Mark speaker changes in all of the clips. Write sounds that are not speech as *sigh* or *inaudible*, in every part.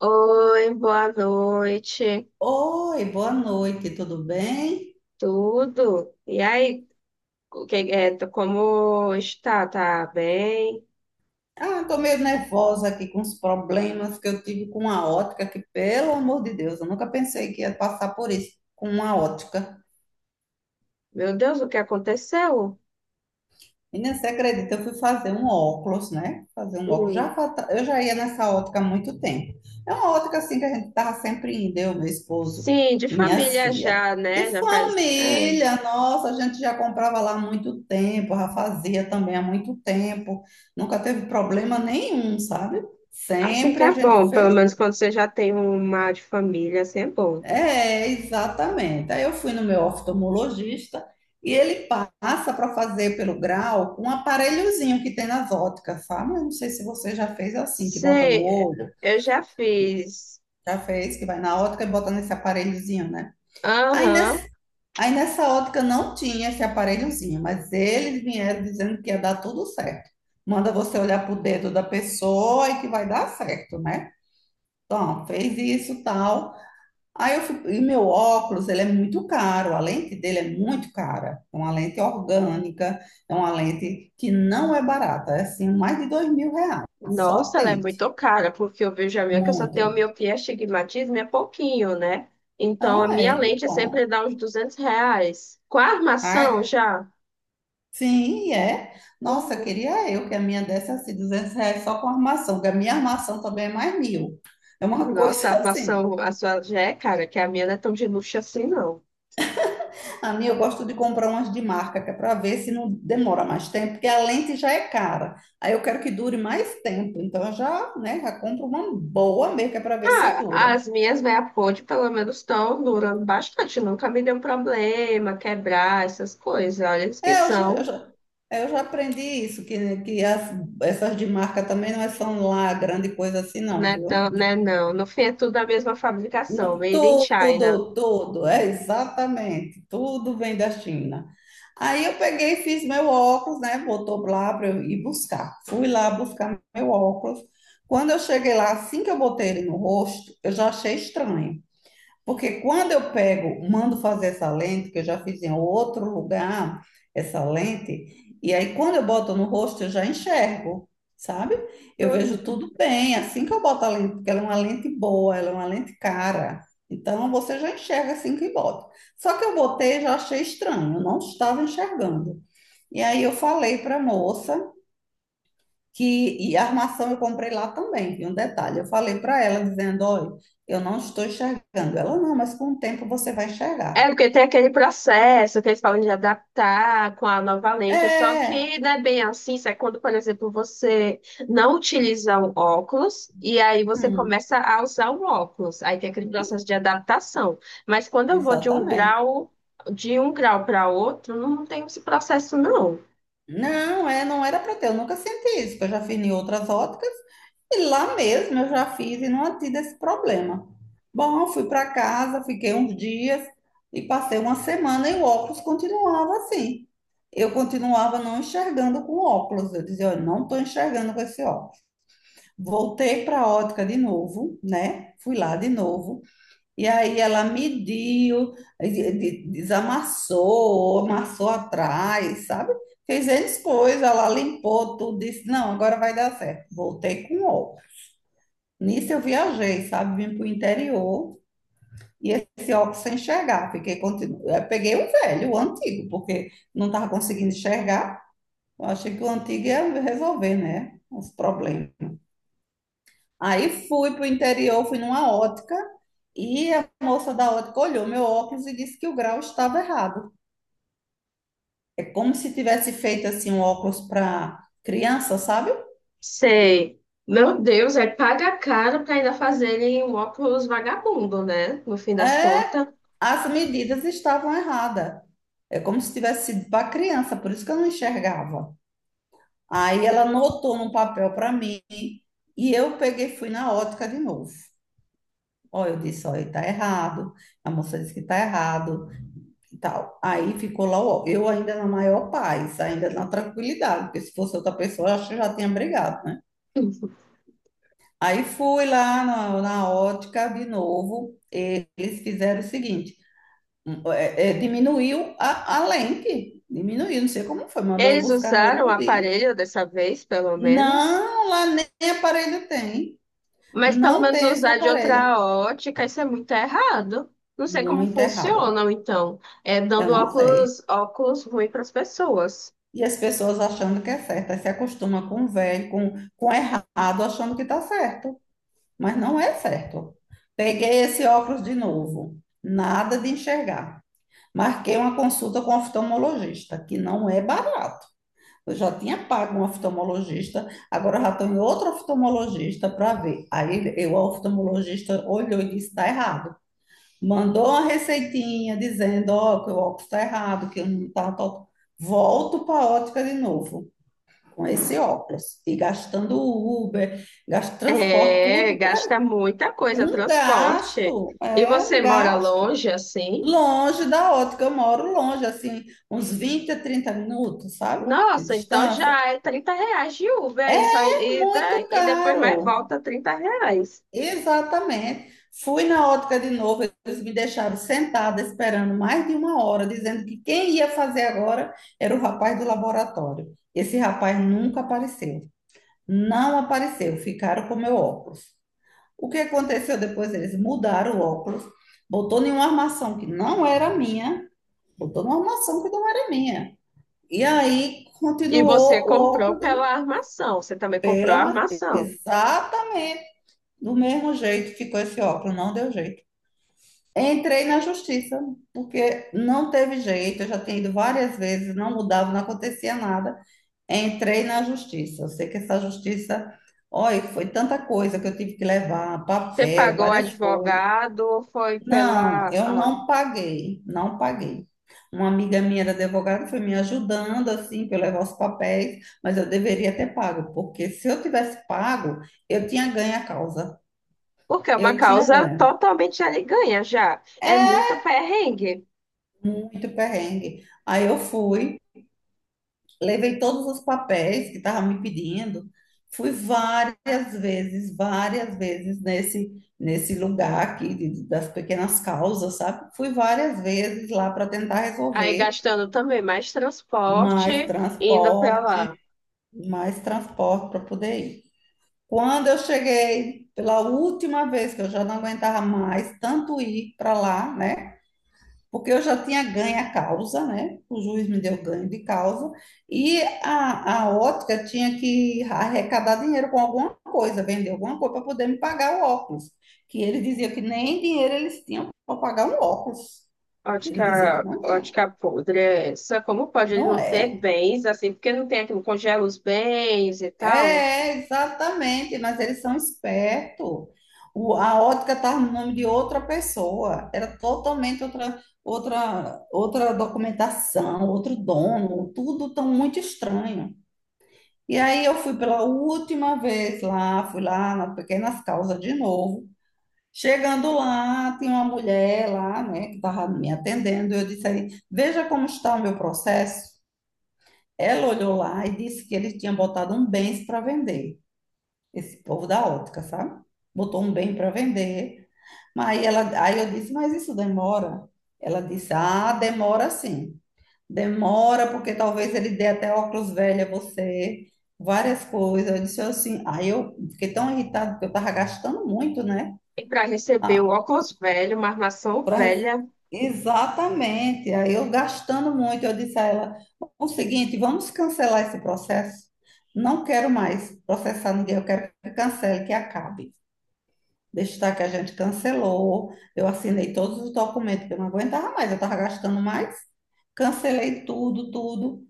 Speaker 1: Oi, boa noite.
Speaker 2: Oi, boa noite, tudo bem?
Speaker 1: Tudo? E aí, o que é, como está? Tá bem?
Speaker 2: Ah, tô meio nervosa aqui com os problemas que eu tive com a ótica, que pelo amor de Deus, eu nunca pensei que ia passar por isso com uma ótica.
Speaker 1: Meu Deus, o que aconteceu?
Speaker 2: Menina, você acredita? Eu fui fazer um óculos, né? Fazer um óculos.
Speaker 1: Hum.
Speaker 2: Eu já ia nessa ótica há muito tempo. É uma ótica assim que a gente tava sempre indo, eu, meu esposo
Speaker 1: Sim, de
Speaker 2: e minhas
Speaker 1: família
Speaker 2: filhas.
Speaker 1: já,
Speaker 2: De
Speaker 1: né?
Speaker 2: família, nossa, a gente já comprava lá há muito tempo, já fazia também há muito tempo. Nunca teve problema nenhum, sabe?
Speaker 1: Assim que
Speaker 2: Sempre a
Speaker 1: é
Speaker 2: gente
Speaker 1: bom, pelo
Speaker 2: fez
Speaker 1: menos quando você já tem uma de família, assim é bom.
Speaker 2: é, exatamente. Aí eu fui no meu oftalmologista e ele passa para fazer pelo grau um aparelhozinho que tem nas óticas, sabe? Eu não sei se você já fez assim, que bota no
Speaker 1: Sei,
Speaker 2: olho,
Speaker 1: eu já fiz.
Speaker 2: já fez, que vai na ótica e bota nesse aparelhozinho, né? Aí
Speaker 1: Aham.
Speaker 2: nessa, aí nessa ótica não tinha esse aparelhozinho, mas eles vieram dizendo que ia dar tudo certo. Manda você olhar pro dedo da pessoa e que vai dar certo, né? Então, fez isso, tal. Aí eu fui, e meu óculos, ele é muito caro, a lente dele é muito cara. É uma lente orgânica, é uma lente que não é barata, é assim, mais de R$ 2.000, só a
Speaker 1: Nossa, ela é
Speaker 2: lente,
Speaker 1: muito cara, porque eu vejo a minha que eu só tenho
Speaker 2: muito.
Speaker 1: miopia, astigmatismo e é pouquinho, né? Então, a
Speaker 2: Ah,
Speaker 1: minha
Speaker 2: é, que
Speaker 1: lente
Speaker 2: bom.
Speaker 1: sempre dá uns R$ 200. Com a armação
Speaker 2: Ah,
Speaker 1: já?
Speaker 2: sim, é. Nossa,
Speaker 1: Uhum.
Speaker 2: queria eu que a minha desse assim, R$ 200 só com armação, porque a minha armação também é mais mil. É uma *laughs*
Speaker 1: Nossa, a
Speaker 2: coisa assim.
Speaker 1: armação, a sua já é cara, que a minha não é tão de luxo assim, não.
Speaker 2: A minha eu gosto de comprar umas de marca, que é para ver se não demora mais tempo, porque a lente já é cara. Aí eu quero que dure mais tempo, então eu já, né, já compro uma boa mesmo, que é para ver se
Speaker 1: Ah,
Speaker 2: dura.
Speaker 1: as minhas meia ponte, pelo menos, estão durando bastante. Nunca me deu problema, quebrar, essas coisas. Olha, eles que
Speaker 2: É, eu já, eu
Speaker 1: são,
Speaker 2: já, eu já aprendi isso, essas de marca também não é- são lá grande coisa assim, não,
Speaker 1: né,
Speaker 2: viu?
Speaker 1: tão, né, não. No fim, é tudo da mesma fabricação, made in China.
Speaker 2: Tudo, tudo, é exatamente, tudo vem da China. Aí eu peguei, e fiz meu óculos, né? Voltou lá para eu ir buscar. Fui lá buscar meu óculos. Quando eu cheguei lá, assim que eu botei ele no rosto, eu já achei estranho. Porque quando eu pego, mando fazer essa lente, que eu já fiz em outro lugar, essa lente, e aí quando eu boto no rosto, eu já enxergo, sabe? Eu vejo
Speaker 1: Uhum.
Speaker 2: tudo bem, assim que eu boto a lente, porque ela é uma lente boa, ela é uma lente cara. Então você já enxerga assim que bota. Só que eu botei e já achei estranho, eu não estava enxergando. E aí eu falei para a moça, que e a armação eu comprei lá também. E um detalhe, eu falei para ela dizendo, olha, eu não estou enxergando. Ela não, mas com o tempo você vai
Speaker 1: É,
Speaker 2: enxergar.
Speaker 1: porque tem aquele processo que eles falam de adaptar com a nova lente, só
Speaker 2: É,
Speaker 1: que não é bem assim, isso é quando, por exemplo, você não utiliza um óculos e aí você
Speaker 2: hum,
Speaker 1: começa a usar um óculos, aí tem aquele processo de adaptação. Mas quando eu vou de um
Speaker 2: exatamente.
Speaker 1: grau, de um grau para outro, não tem esse processo, não.
Speaker 2: Não, é, não era para ter. Eu nunca senti isso, que eu já fiz em outras óticas e lá mesmo eu já fiz e não tive esse problema. Bom, fui para casa, fiquei uns dias e passei uma semana e o óculos continuava assim. Eu continuava não enxergando com o óculos. Eu dizia, olha, não estou enxergando com esse óculos. Voltei para a ótica de novo, né? Fui lá de novo. E aí ela mediu, desamassou, amassou atrás, sabe? Fez N coisas, ela limpou tudo, disse, não, agora vai dar certo. Voltei com óculos. Nisso eu viajei, sabe? Vim para o interior e esse óculos sem enxergar. Fiquei, eu peguei o velho, o antigo, porque não estava conseguindo enxergar. Eu achei que o antigo ia resolver, né? Os problemas. Aí fui para o interior, fui numa ótica e a moça da ótica olhou meu óculos e disse que o grau estava errado. É como se tivesse feito assim um óculos para criança, sabe?
Speaker 1: Sei. Meu Deus, é paga caro para ainda fazerem um óculos vagabundo, né? No fim das
Speaker 2: É,
Speaker 1: contas.
Speaker 2: as medidas estavam erradas. É como se tivesse sido para criança, por isso que eu não enxergava. Aí ela anotou num papel para mim e eu peguei, e fui na ótica de novo. Ó, eu disse, olha, tá errado. A moça disse que tá errado. E tal. Aí ficou lá, ó, eu ainda na maior paz, ainda na tranquilidade, porque se fosse outra pessoa, eu acho que já tinha brigado, né? Aí fui lá na ótica de novo, eles fizeram o seguinte, diminuiu a lente, diminuiu, não sei como foi, mandou eu
Speaker 1: Eles
Speaker 2: buscar no
Speaker 1: usaram o
Speaker 2: outro dia.
Speaker 1: aparelho dessa vez, pelo menos.
Speaker 2: Não, lá nem aparelho tem,
Speaker 1: Mas pelo
Speaker 2: não
Speaker 1: menos
Speaker 2: tem esse
Speaker 1: usar de
Speaker 2: aparelho.
Speaker 1: outra ótica, isso é muito errado. Não sei como
Speaker 2: Muito errado,
Speaker 1: funcionam, então. É
Speaker 2: eu
Speaker 1: dando
Speaker 2: não sei.
Speaker 1: óculos, óculos ruim para as pessoas.
Speaker 2: E as pessoas achando que é certo, aí se acostuma com o velho, com o errado, achando que está certo, mas não é certo. Peguei esse óculos de novo, nada de enxergar. Marquei uma consulta com o oftalmologista, que não é barato. Eu já tinha pago um oftalmologista, agora eu já estou em outro oftalmologista para ver. Aí eu, o oftalmologista olhou e disse: está errado. Mandou uma receitinha dizendo: ó, que o óculos está errado, que eu não está. Volto para a ótica de novo com esse óculos e gastando Uber, gasto transporte,
Speaker 1: É,
Speaker 2: tudo para
Speaker 1: gasta muita coisa,
Speaker 2: um
Speaker 1: transporte.
Speaker 2: gasto,
Speaker 1: E
Speaker 2: é
Speaker 1: você
Speaker 2: um
Speaker 1: mora
Speaker 2: gasto
Speaker 1: longe, assim?
Speaker 2: longe da ótica. Eu moro longe, assim, uns 20 a 30 minutos, sabe? De
Speaker 1: Nossa, então
Speaker 2: distância.
Speaker 1: já é R$ 30 de Uber, é isso
Speaker 2: É
Speaker 1: aí,
Speaker 2: muito
Speaker 1: e depois mais
Speaker 2: caro.
Speaker 1: volta R$ 30.
Speaker 2: Exatamente. Fui na ótica de novo, eles me deixaram sentada esperando mais de uma hora, dizendo que quem ia fazer agora era o rapaz do laboratório. Esse rapaz nunca apareceu. Não apareceu, ficaram com meu óculos. O que aconteceu depois? Eles mudaram o óculos, botou em uma armação que não era minha, botou numa armação que não era minha. E aí
Speaker 1: E você
Speaker 2: continuou o
Speaker 1: comprou
Speaker 2: óculos
Speaker 1: pela armação, você também comprou a armação.
Speaker 2: exatamente do mesmo jeito ficou esse óculos, não deu jeito. Entrei na justiça, porque não teve jeito, eu já tinha ido várias vezes, não mudava, não acontecia nada. Entrei na justiça. Eu sei que essa justiça, olha, foi tanta coisa que eu tive que levar,
Speaker 1: Você
Speaker 2: papel,
Speaker 1: pagou o
Speaker 2: várias coisas.
Speaker 1: advogado ou foi
Speaker 2: Não,
Speaker 1: pela,
Speaker 2: eu não paguei, não paguei. Uma amiga minha era advogada, foi me ajudando assim para eu levar os papéis, mas eu deveria ter pago, porque se eu tivesse pago, eu tinha ganho a causa.
Speaker 1: Porque é uma
Speaker 2: Eu tinha
Speaker 1: causa
Speaker 2: ganho.
Speaker 1: totalmente ali ganha já. É
Speaker 2: É
Speaker 1: muito perrengue.
Speaker 2: muito perrengue. Aí eu fui, levei todos os papéis que estavam me pedindo, fui várias vezes, várias nesse lugar aqui de- das pequenas causas, sabe? Fui várias vezes lá para tentar
Speaker 1: Aí
Speaker 2: resolver.
Speaker 1: gastando também mais
Speaker 2: Mais
Speaker 1: transporte, indo para
Speaker 2: transporte,
Speaker 1: lá.
Speaker 2: mais transporte para poder ir. Quando eu cheguei, pela última vez que eu já não aguentava mais tanto ir para lá, né? Porque eu já tinha ganho a causa, né? O juiz me deu ganho de causa e a ótica tinha que arrecadar dinheiro com alguma coisa, vender alguma coisa para poder me pagar o óculos, que ele dizia que nem dinheiro eles tinham para pagar um óculos. Ele dizia que
Speaker 1: Ótica,
Speaker 2: não tinha.
Speaker 1: ótica podre é essa. Como pode ele
Speaker 2: Não
Speaker 1: não ter
Speaker 2: é?
Speaker 1: bens, assim, porque não tem aquilo, congela os bens e tal.
Speaker 2: É, exatamente, mas eles são espertos. A ótica estava no nome de outra pessoa, era totalmente outra documentação, outro dono, tudo tão muito estranho. E aí eu fui pela última vez lá, fui lá na Pequenas Causas de novo. Chegando lá, tinha uma mulher lá, né, que estava me atendendo. Eu disse aí, veja como está o meu processo. Ela olhou lá e disse que ele tinha botado um bens para vender esse povo da ótica, sabe? Botou um bem para vender. Mas aí eu disse, mas isso demora? Ela disse, ah, demora sim. Demora porque talvez ele dê até óculos velho a você, várias coisas. Eu disse assim, aí eu fiquei tão irritada porque eu estava gastando muito, né?
Speaker 1: E para receber o
Speaker 2: Ah,
Speaker 1: óculos velho, uma armação
Speaker 2: pra... rece-
Speaker 1: velha.
Speaker 2: exatamente. Aí eu gastando muito, eu disse a ela, o seguinte, vamos cancelar esse processo. Não quero mais processar ninguém, eu quero que cancele, que acabe. Destaque que a gente cancelou. Eu assinei todos os documentos, porque eu não aguentava mais, eu estava gastando mais. Cancelei tudo, tudo.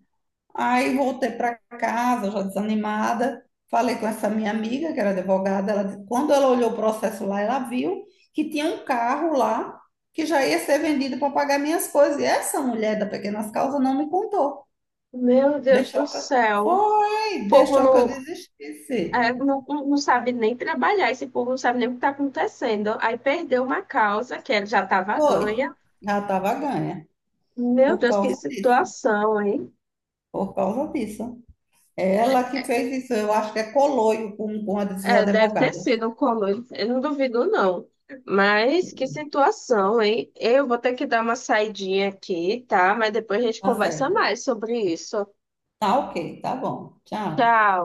Speaker 2: Aí voltei para casa, já desanimada. Falei com essa minha amiga, que era advogada. Quando ela olhou o processo lá, ela viu que tinha um carro lá que já ia ser vendido para pagar minhas coisas. E essa mulher da Pequenas Causas não me contou.
Speaker 1: Meu Deus do
Speaker 2: Deixou que eu...
Speaker 1: céu. O
Speaker 2: Foi,
Speaker 1: povo
Speaker 2: deixou que eu
Speaker 1: não,
Speaker 2: desistisse.
Speaker 1: Não sabe nem trabalhar, esse povo não sabe nem o que está acontecendo. Aí perdeu uma causa que ela já estava
Speaker 2: Foi,
Speaker 1: ganha.
Speaker 2: já estava ganha
Speaker 1: Meu
Speaker 2: por
Speaker 1: Deus, que
Speaker 2: causa disso.
Speaker 1: situação, hein?
Speaker 2: Por causa disso. É ela que fez isso, eu acho que é coloio com uma dessas
Speaker 1: É, deve ter
Speaker 2: advogadas.
Speaker 1: sido um colo, eu não duvido, não. Mas que situação, hein? Eu vou ter que dar uma saidinha aqui, tá? Mas depois a gente
Speaker 2: Tá
Speaker 1: conversa
Speaker 2: certo.
Speaker 1: mais sobre isso.
Speaker 2: Tá ok, tá bom. Tchau.
Speaker 1: Tchau.